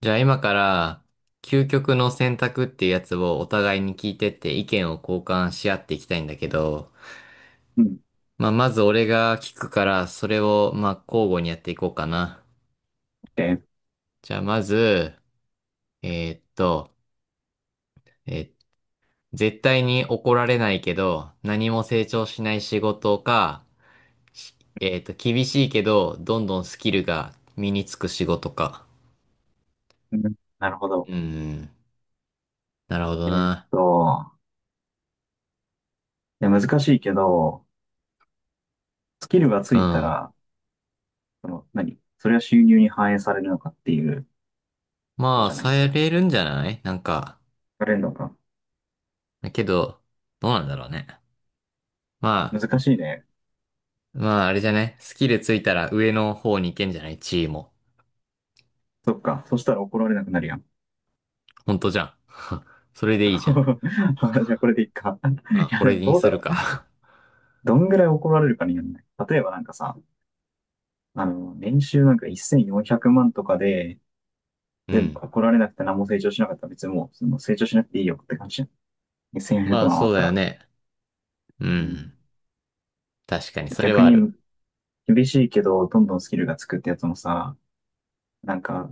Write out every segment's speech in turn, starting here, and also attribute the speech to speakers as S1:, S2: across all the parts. S1: じゃあ今から究極の選択っていうやつをお互いに聞いてって意見を交換し合っていきたいんだけど、
S2: うん。
S1: まあまず俺が聞くからそれをまあ交互にやっていこうかな。
S2: で、
S1: じゃあまず、えーっと、えー絶対に怒られないけど何も成長しない仕事か、し厳しいけどどんどんスキルが身につく仕事か。
S2: うん、なるほ
S1: う
S2: ど。
S1: ん、なるほど
S2: えーっ
S1: な。
S2: と、いや、難しいけど、スキルがつ
S1: う
S2: いた
S1: ん。
S2: ら、それは収入に反映されるのかっていうこ
S1: ま
S2: と
S1: あ、
S2: じゃな
S1: さ
S2: い？
S1: れるんじゃないなんか。
S2: されるのか？
S1: だけど、どうなんだろうね。ま
S2: 難しいね。
S1: まあ、あれじゃね。スキルついたら上の方に行けんじゃない地位も。
S2: そっか。そしたら怒られなくなるやん。
S1: ほんとじゃん。それ でいいじゃん。
S2: あ、じゃあこれでいいか。
S1: まあ、
S2: いや、
S1: こ
S2: で
S1: れ
S2: も
S1: に
S2: どう
S1: す
S2: だ
S1: る
S2: ろう。
S1: か。
S2: どんぐらい怒られるかによらな。例えばなんかさ、年収なんか1400万とかで、
S1: う
S2: で、
S1: ん。
S2: 怒られなくて何も成長しなかったら別にもう、成長しなくていいよって感じじゃん。1400
S1: まあ、
S2: 万あ
S1: そう
S2: った
S1: だよ
S2: ら。
S1: ね。う
S2: うん。
S1: ん。確かに、それ
S2: 逆
S1: はある。
S2: に厳しいけど、どんどんスキルがつくってやつもさ、なんか、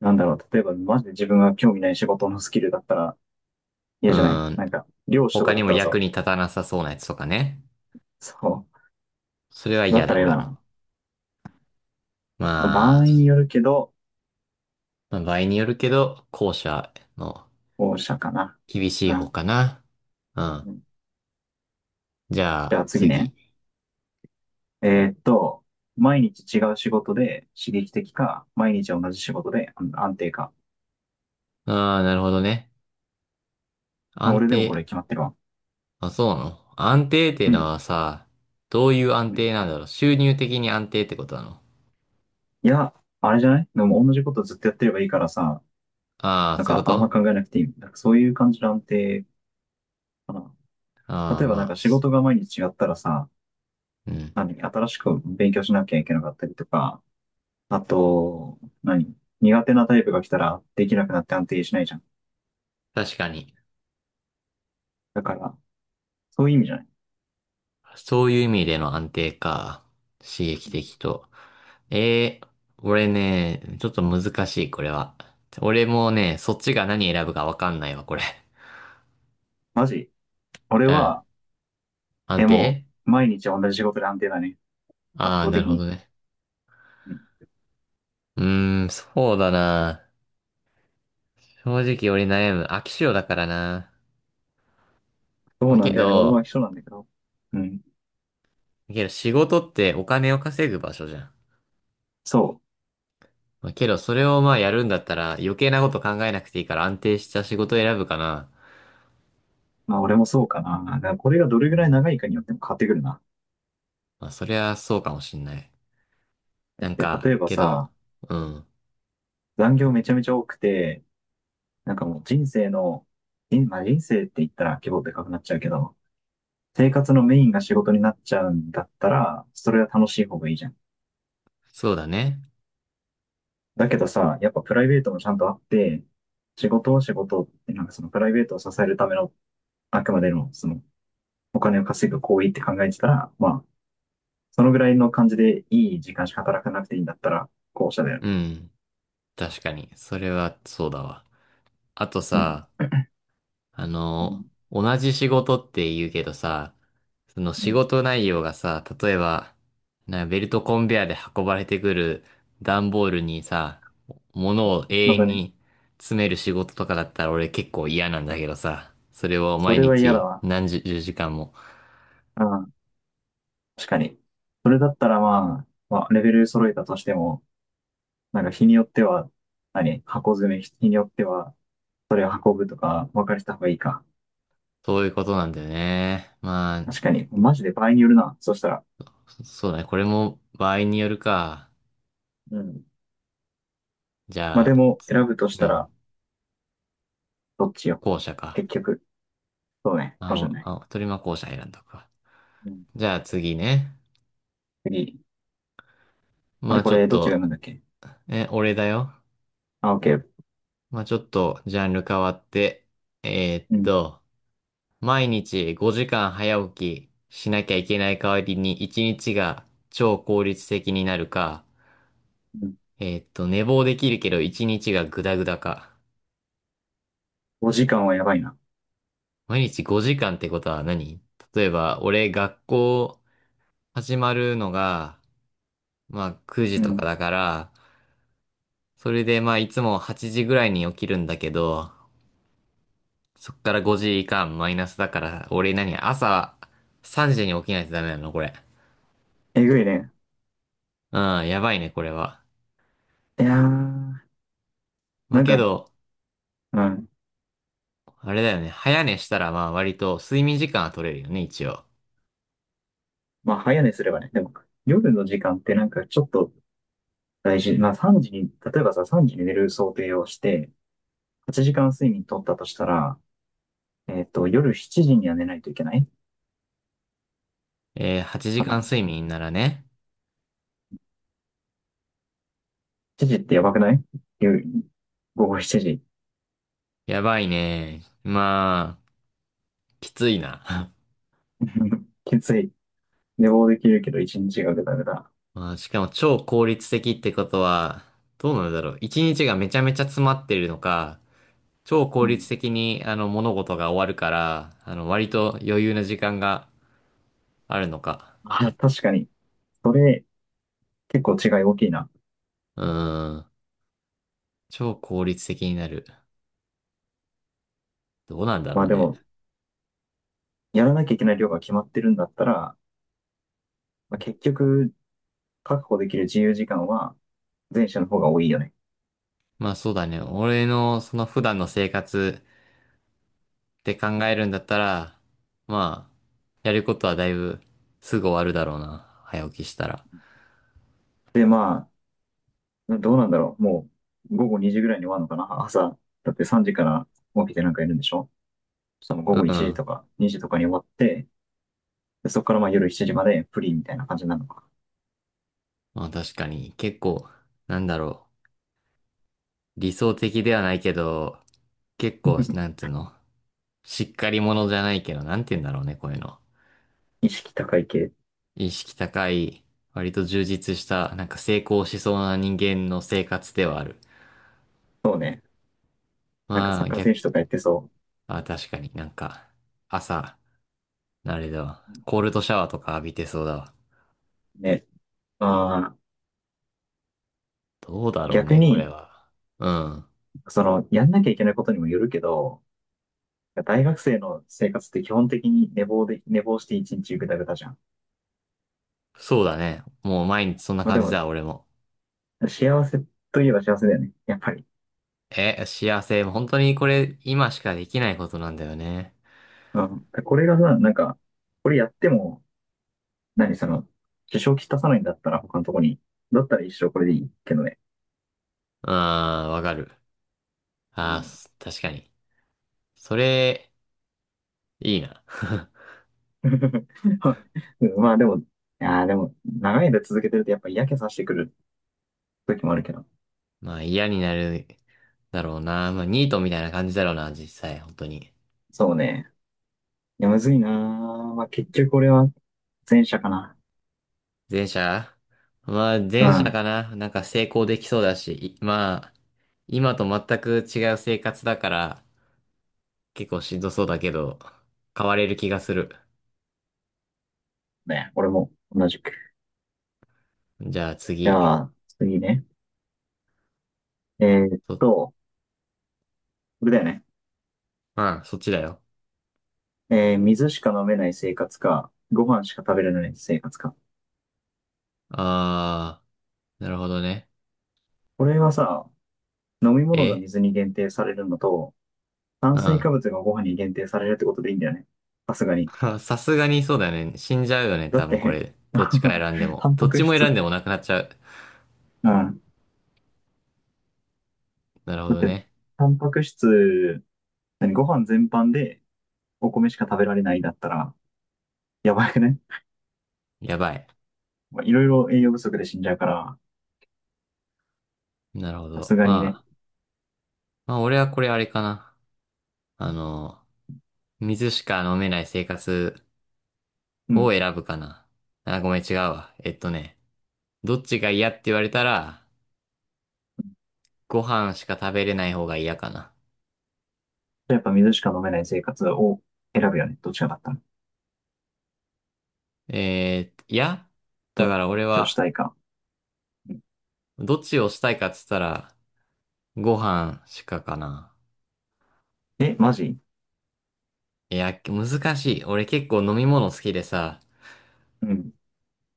S2: なんだろう、例えばマジで自分が興味ない仕事のスキルだったら嫌
S1: う
S2: じゃない？
S1: ん。
S2: なんか、漁師とか
S1: 他
S2: だ
S1: に
S2: っ
S1: も
S2: たら
S1: 役
S2: さ、
S1: に立たなさそうなやつとかね。
S2: そ
S1: それは
S2: う、だっ
S1: 嫌
S2: た
S1: だ、
S2: ら嫌
S1: 俺
S2: だ
S1: も。
S2: な。場
S1: ま
S2: 合
S1: あ、
S2: によるけど、
S1: まあ場合によるけど、後者の
S2: 後者かな。
S1: 厳し
S2: う
S1: い方
S2: ん。
S1: かな。うん。
S2: うん、
S1: じゃ
S2: じゃあ
S1: あ、
S2: 次
S1: 次。
S2: ね。えーっと、毎日違う仕事で刺激的か、毎日同じ仕事で安定か。
S1: ああ、なるほどね。
S2: まあ、
S1: 安
S2: 俺でもこ
S1: 定。
S2: れ決まってるわ。
S1: あ、そうなの、安定っていう
S2: う
S1: の
S2: ん。
S1: はさ、どういう安
S2: うん、
S1: 定なんだろう、収入的に安定ってことなの？
S2: いや、あれじゃない？でも同じことずっとやってればいいからさ、
S1: ああ
S2: な
S1: ー、
S2: ん
S1: そういう
S2: か
S1: こ
S2: あんま
S1: と。
S2: 考えなくていい。なんかそういう感じの安定。うん。
S1: ああ
S2: 例
S1: ー、
S2: えばなん
S1: ま
S2: か
S1: あ、
S2: 仕
S1: し
S2: 事が毎日違ったらさ、
S1: うん。
S2: 新しく勉強しなきゃいけなかったりとか、あと、何、苦手なタイプが来たらできなくなって安定しないじゃん。
S1: 確かに。
S2: だから、そういう意味じゃない。
S1: そういう意味での安定か。刺激
S2: うん。
S1: 的と。えー、俺ね、ちょっと難しい、これは。俺もね、そっちが何選ぶかわかんないわ、これ。
S2: マジ、俺
S1: うん。
S2: は、
S1: 安
S2: も
S1: 定。
S2: う、毎日同じ仕事で安定だね。圧
S1: ああー、
S2: 倒
S1: なる
S2: 的
S1: ほ
S2: に。
S1: どね。
S2: うん。
S1: うーん、そうだな。正直俺悩む。飽き性だからな。
S2: そうな
S1: け
S2: んだよね。俺は
S1: ど、
S2: 一緒なんだけど。うん。
S1: けど仕事ってお金を稼ぐ場所じゃん。
S2: そ
S1: まあ、けどそれをまあやるんだったら余計なこと考えなくていいから安定した仕事を選ぶかな。
S2: う。まあ俺もそうかな。だからこれがどれ
S1: う
S2: ぐらい
S1: ん。
S2: 長いかによっても変わってくるな。
S1: まあそりゃそうかもしんない。なん
S2: だって
S1: か、
S2: 例えば
S1: けど、
S2: さ、
S1: うん。
S2: 残業めちゃめちゃ多くて、なんかもう人生の、まあ、人生って言ったら規模でかくなっちゃうけど、生活のメインが仕事になっちゃうんだったら、それは楽しい方がいいじゃん。
S1: そうだね。
S2: だけどさ、やっぱプライベートもちゃんとあって、仕事を仕事って、なんかそのプライベートを支えるための、あくまでのそのお金を稼ぐ行為って考えてたら、まあ、そのぐらいの感じでいい時間しか働かなくていいんだったら、後者だよね。
S1: うん。確かに。それはそうだわ。あと
S2: うん。
S1: さ、あ
S2: う
S1: の、
S2: ん。
S1: 同じ仕事って言うけどさ、その
S2: う
S1: 仕
S2: ん。
S1: 事内容がさ、例えば、ベルトコンベヤーで運ばれてくる段ボールにさ、物を永
S2: ま
S1: 遠
S2: だね。
S1: に詰める仕事とかだったら俺結構嫌なんだけどさ、それを
S2: そ
S1: 毎
S2: れは嫌だ
S1: 日
S2: わ。
S1: 何十時間も、
S2: うん。確かに。それだったらまあ、まあ、レベル揃えたとしても、なんか日によっては、箱詰め、日によっては、それを運ぶとか、分かれた方がいいか。
S1: そういうことなんだよね。まあ、
S2: 確かに、マジで場合によるな。そしたら。
S1: そうだね。これも場合によるか。
S2: うん。
S1: じ
S2: まあ
S1: ゃ
S2: で
S1: あ、
S2: も、選ぶとし
S1: う
S2: た
S1: ん、
S2: ら、どっちよ。
S1: 後者か。
S2: 結局。そうね。かも
S1: あ、
S2: しれない。
S1: 鳥間後者選んだか。
S2: うん。
S1: じゃあ次ね。
S2: 次。あ
S1: ま
S2: れ、
S1: あ
S2: こ
S1: ちょっ
S2: れ、どっちが読
S1: と
S2: むんだっけ？
S1: え、俺だよ。
S2: あ、オッケー。
S1: まあ、ちょっとジャンル変わって、えーっ
S2: うん。
S1: と、毎日5時間早起きしなきゃいけない代わりに1日が超効率的になるか、
S2: うん。
S1: えーっと、寝坊できるけど1日がグダグダか。
S2: お時間はやばいな。
S1: 毎日5時間ってことは何？例えば、俺学校始まるのが、まあ9
S2: う
S1: 時とか
S2: ん。
S1: だから、それでまあいつも8時ぐらいに起きるんだけど、そっから5時間マイナスだから、俺何朝3時に起きないとダメなのこれ。
S2: えぐいね。
S1: うん、やばいね、これは。
S2: いやー、
S1: まあ、
S2: なん
S1: け
S2: か、
S1: ど、
S2: うん。
S1: あれだよね。早寝したらまあ割と睡眠時間は取れるよね、一応。
S2: まあ、早寝すればね。でも、夜の時間ってなんかちょっと大事。まあ、3時に、例えばさ、3時に寝る想定をして、8時間睡眠取ったとしたら、夜7時には寝ないといけない
S1: えー、8
S2: か
S1: 時間
S2: な。
S1: 睡眠ならね。
S2: 7時ってやばくない？夜、午後7時。
S1: やばいね。まあ、きついな。
S2: きつい。寝坊できるけど1日がぐだぐだ。
S1: まあ、しかも超効率的ってことは、どうなんだろう。一日がめちゃめちゃ詰まってるのか、超
S2: う
S1: 効
S2: ん。
S1: 率的にあの物事が終わるから、あの割と余裕な時間があるのか。
S2: あ、確かに。それ、結構違い大きいな。
S1: うん。超効率的になる。どうなんだ
S2: ま
S1: ろ
S2: あ
S1: う
S2: で
S1: ね。
S2: も、やらなきゃいけない量が決まってるんだったら、まあ、結局、確保できる自由時間は前者の方が多いよね。
S1: まあそうだね。俺のその普段の生活って考えるんだったら、まあ、やることはだいぶすぐ終わるだろうな。早起きしたら。
S2: で、まあ、どうなんだろう。もう、午後2時ぐらいに終わるのかな、朝。だって3時から起きてなんかいるんでしょ？午
S1: う
S2: 後1時
S1: ん。
S2: とか2時とかに終わって、で、そこからまあ夜7時までフリーみたいな感じなのか。
S1: まあ確かに結構、なんだろう。理想的ではないけど、結構、なん つうの。しっかり者じゃないけど、なんて言うんだろうね、こういうの。
S2: 意識高い系。
S1: 意識高い、割と充実した、なんか成功しそうな人間の生活ではある。
S2: そうね。なんか
S1: ま
S2: サッ
S1: あ
S2: カー
S1: 逆
S2: 選手とかやってそ
S1: あ、確かになんか、朝、あれだわ。コールドシャワーとか浴びてそうだわ。
S2: う。ね。ま
S1: どうだ
S2: あ、
S1: ろう
S2: 逆
S1: ね、これ
S2: に、
S1: は。うん。
S2: やんなきゃいけないことにもよるけど、大学生の生活って基本的に寝坊で、寝坊して一日ぐだぐだじゃん。
S1: そうだね。もう毎日そんな
S2: まあ
S1: 感
S2: で
S1: じ
S2: も、
S1: だ、俺も。
S2: 幸せといえば幸せだよね。やっぱり。
S1: え、幸せ。本当にこれ、今しかできないことなんだよね。
S2: うん。これがさ、なんか、これやっても、何その、支障をきたさないんだったら他のとこに。だったら一生これでいいけどね。
S1: うん、わかる。
S2: うん。
S1: 確かに。それ、いいな。
S2: はい。うん、まあでも、いやー、でも、長い間続けてるとやっぱ嫌気さしてくる時もあるけど。
S1: まあ嫌になるだろうな。まあニートみたいな感
S2: う
S1: じだ
S2: ん。
S1: ろうな、実際、本当に。
S2: そうね。いや、むずいなー。まあ結局俺は前者かな。
S1: 前者まあ、
S2: う
S1: 前者
S2: ん。
S1: かな。なんか成功できそうだし、いまあ、今と全く違う生活だから、結構しんどそうだけど、変われる気がする。
S2: ね、俺も同じく。
S1: じゃあ
S2: じ
S1: 次。
S2: ゃあ、次ね。えーっ
S1: そ、
S2: と、これだよね。
S1: うん、そっちだよ。
S2: 水しか飲めない生活か、ご飯しか食べれない生活か。
S1: あー、なるほどね。
S2: これはさ、飲み物
S1: え
S2: が水に限定されるのと、炭
S1: う
S2: 水
S1: ん。
S2: 化物がご飯に限定されるってことでいいんだよね。さすがに。
S1: さすがにそうだよね。死んじゃうよね、
S2: だ
S1: 多
S2: っ
S1: 分こ
S2: て、
S1: れ。どっちか 選んで
S2: タ
S1: も。
S2: ン
S1: ど
S2: パ
S1: っち
S2: ク
S1: も選
S2: 質、
S1: んでもなくなっちゃう。
S2: うん。
S1: なるほ
S2: だっ
S1: ど
S2: て、
S1: ね。
S2: タンパク質、ご飯全般でお米しか食べられないだったら、やばくね。
S1: やばい。
S2: まあいろいろ栄養不足で死んじゃうから、
S1: なるほ
S2: さ
S1: ど。
S2: すがにね。
S1: まあ、まあ俺はこれあれかな。あの、水しか飲めない生活
S2: うん。
S1: を
S2: じゃ
S1: 選ぶかな。あ、ごめん、違うわ。えっとね、どっちが嫌って言われたら、ご飯しか食べれない方が嫌かな。
S2: あやっぱ水しか飲めない生活を選ぶよね。どっちがだったら。
S1: えー、いや、だ
S2: ど、
S1: から
S2: ど
S1: 俺
S2: っちをし
S1: は、
S2: たいか。うん。
S1: どっちをしたいかっつったら、ご飯しかかな。
S2: え、マジ？
S1: いや、難しい。俺結構飲み物好きでさ、
S2: うん。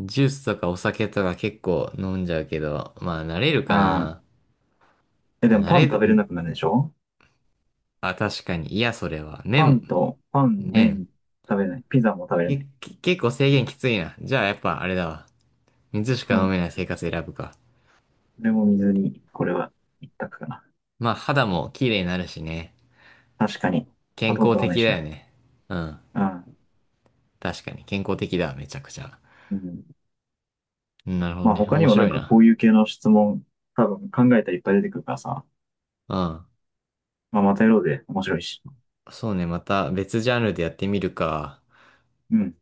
S1: ジュースとかお酒とか結構飲んじゃうけど、まあ慣れるか
S2: あ
S1: な。
S2: あ。え、でも
S1: 慣
S2: パン
S1: れる、
S2: 食べれ
S1: ん
S2: なくなるでしょ？
S1: あ、確かに。いや、それは。
S2: パン、
S1: 麺。
S2: 麺、食べれない。ピザも食べれない。
S1: 結構制限きついな。じゃあやっぱあれだわ。水しか
S2: うん。
S1: 飲
S2: こ
S1: めない生活選ぶか。
S2: れも水に、これは一択かな。
S1: まあ肌も綺麗になるしね。
S2: 確かに。
S1: 健
S2: 砂糖
S1: 康
S2: 取ら
S1: 的
S2: ないし
S1: だよ
S2: な。
S1: ね。うん。
S2: うん。
S1: 確かに健康的だわ、めちゃくちゃ。
S2: うん。
S1: うんなるほど
S2: まあ
S1: ね。
S2: 他に
S1: 面
S2: もな
S1: 白
S2: ん
S1: い
S2: かこ
S1: な。
S2: ういう系の質問、多分考えたらいっぱい出てくるからさ。
S1: うん。
S2: まあまたやろうで面白いし。
S1: そうね、また別ジャンルでやってみるか。
S2: うん。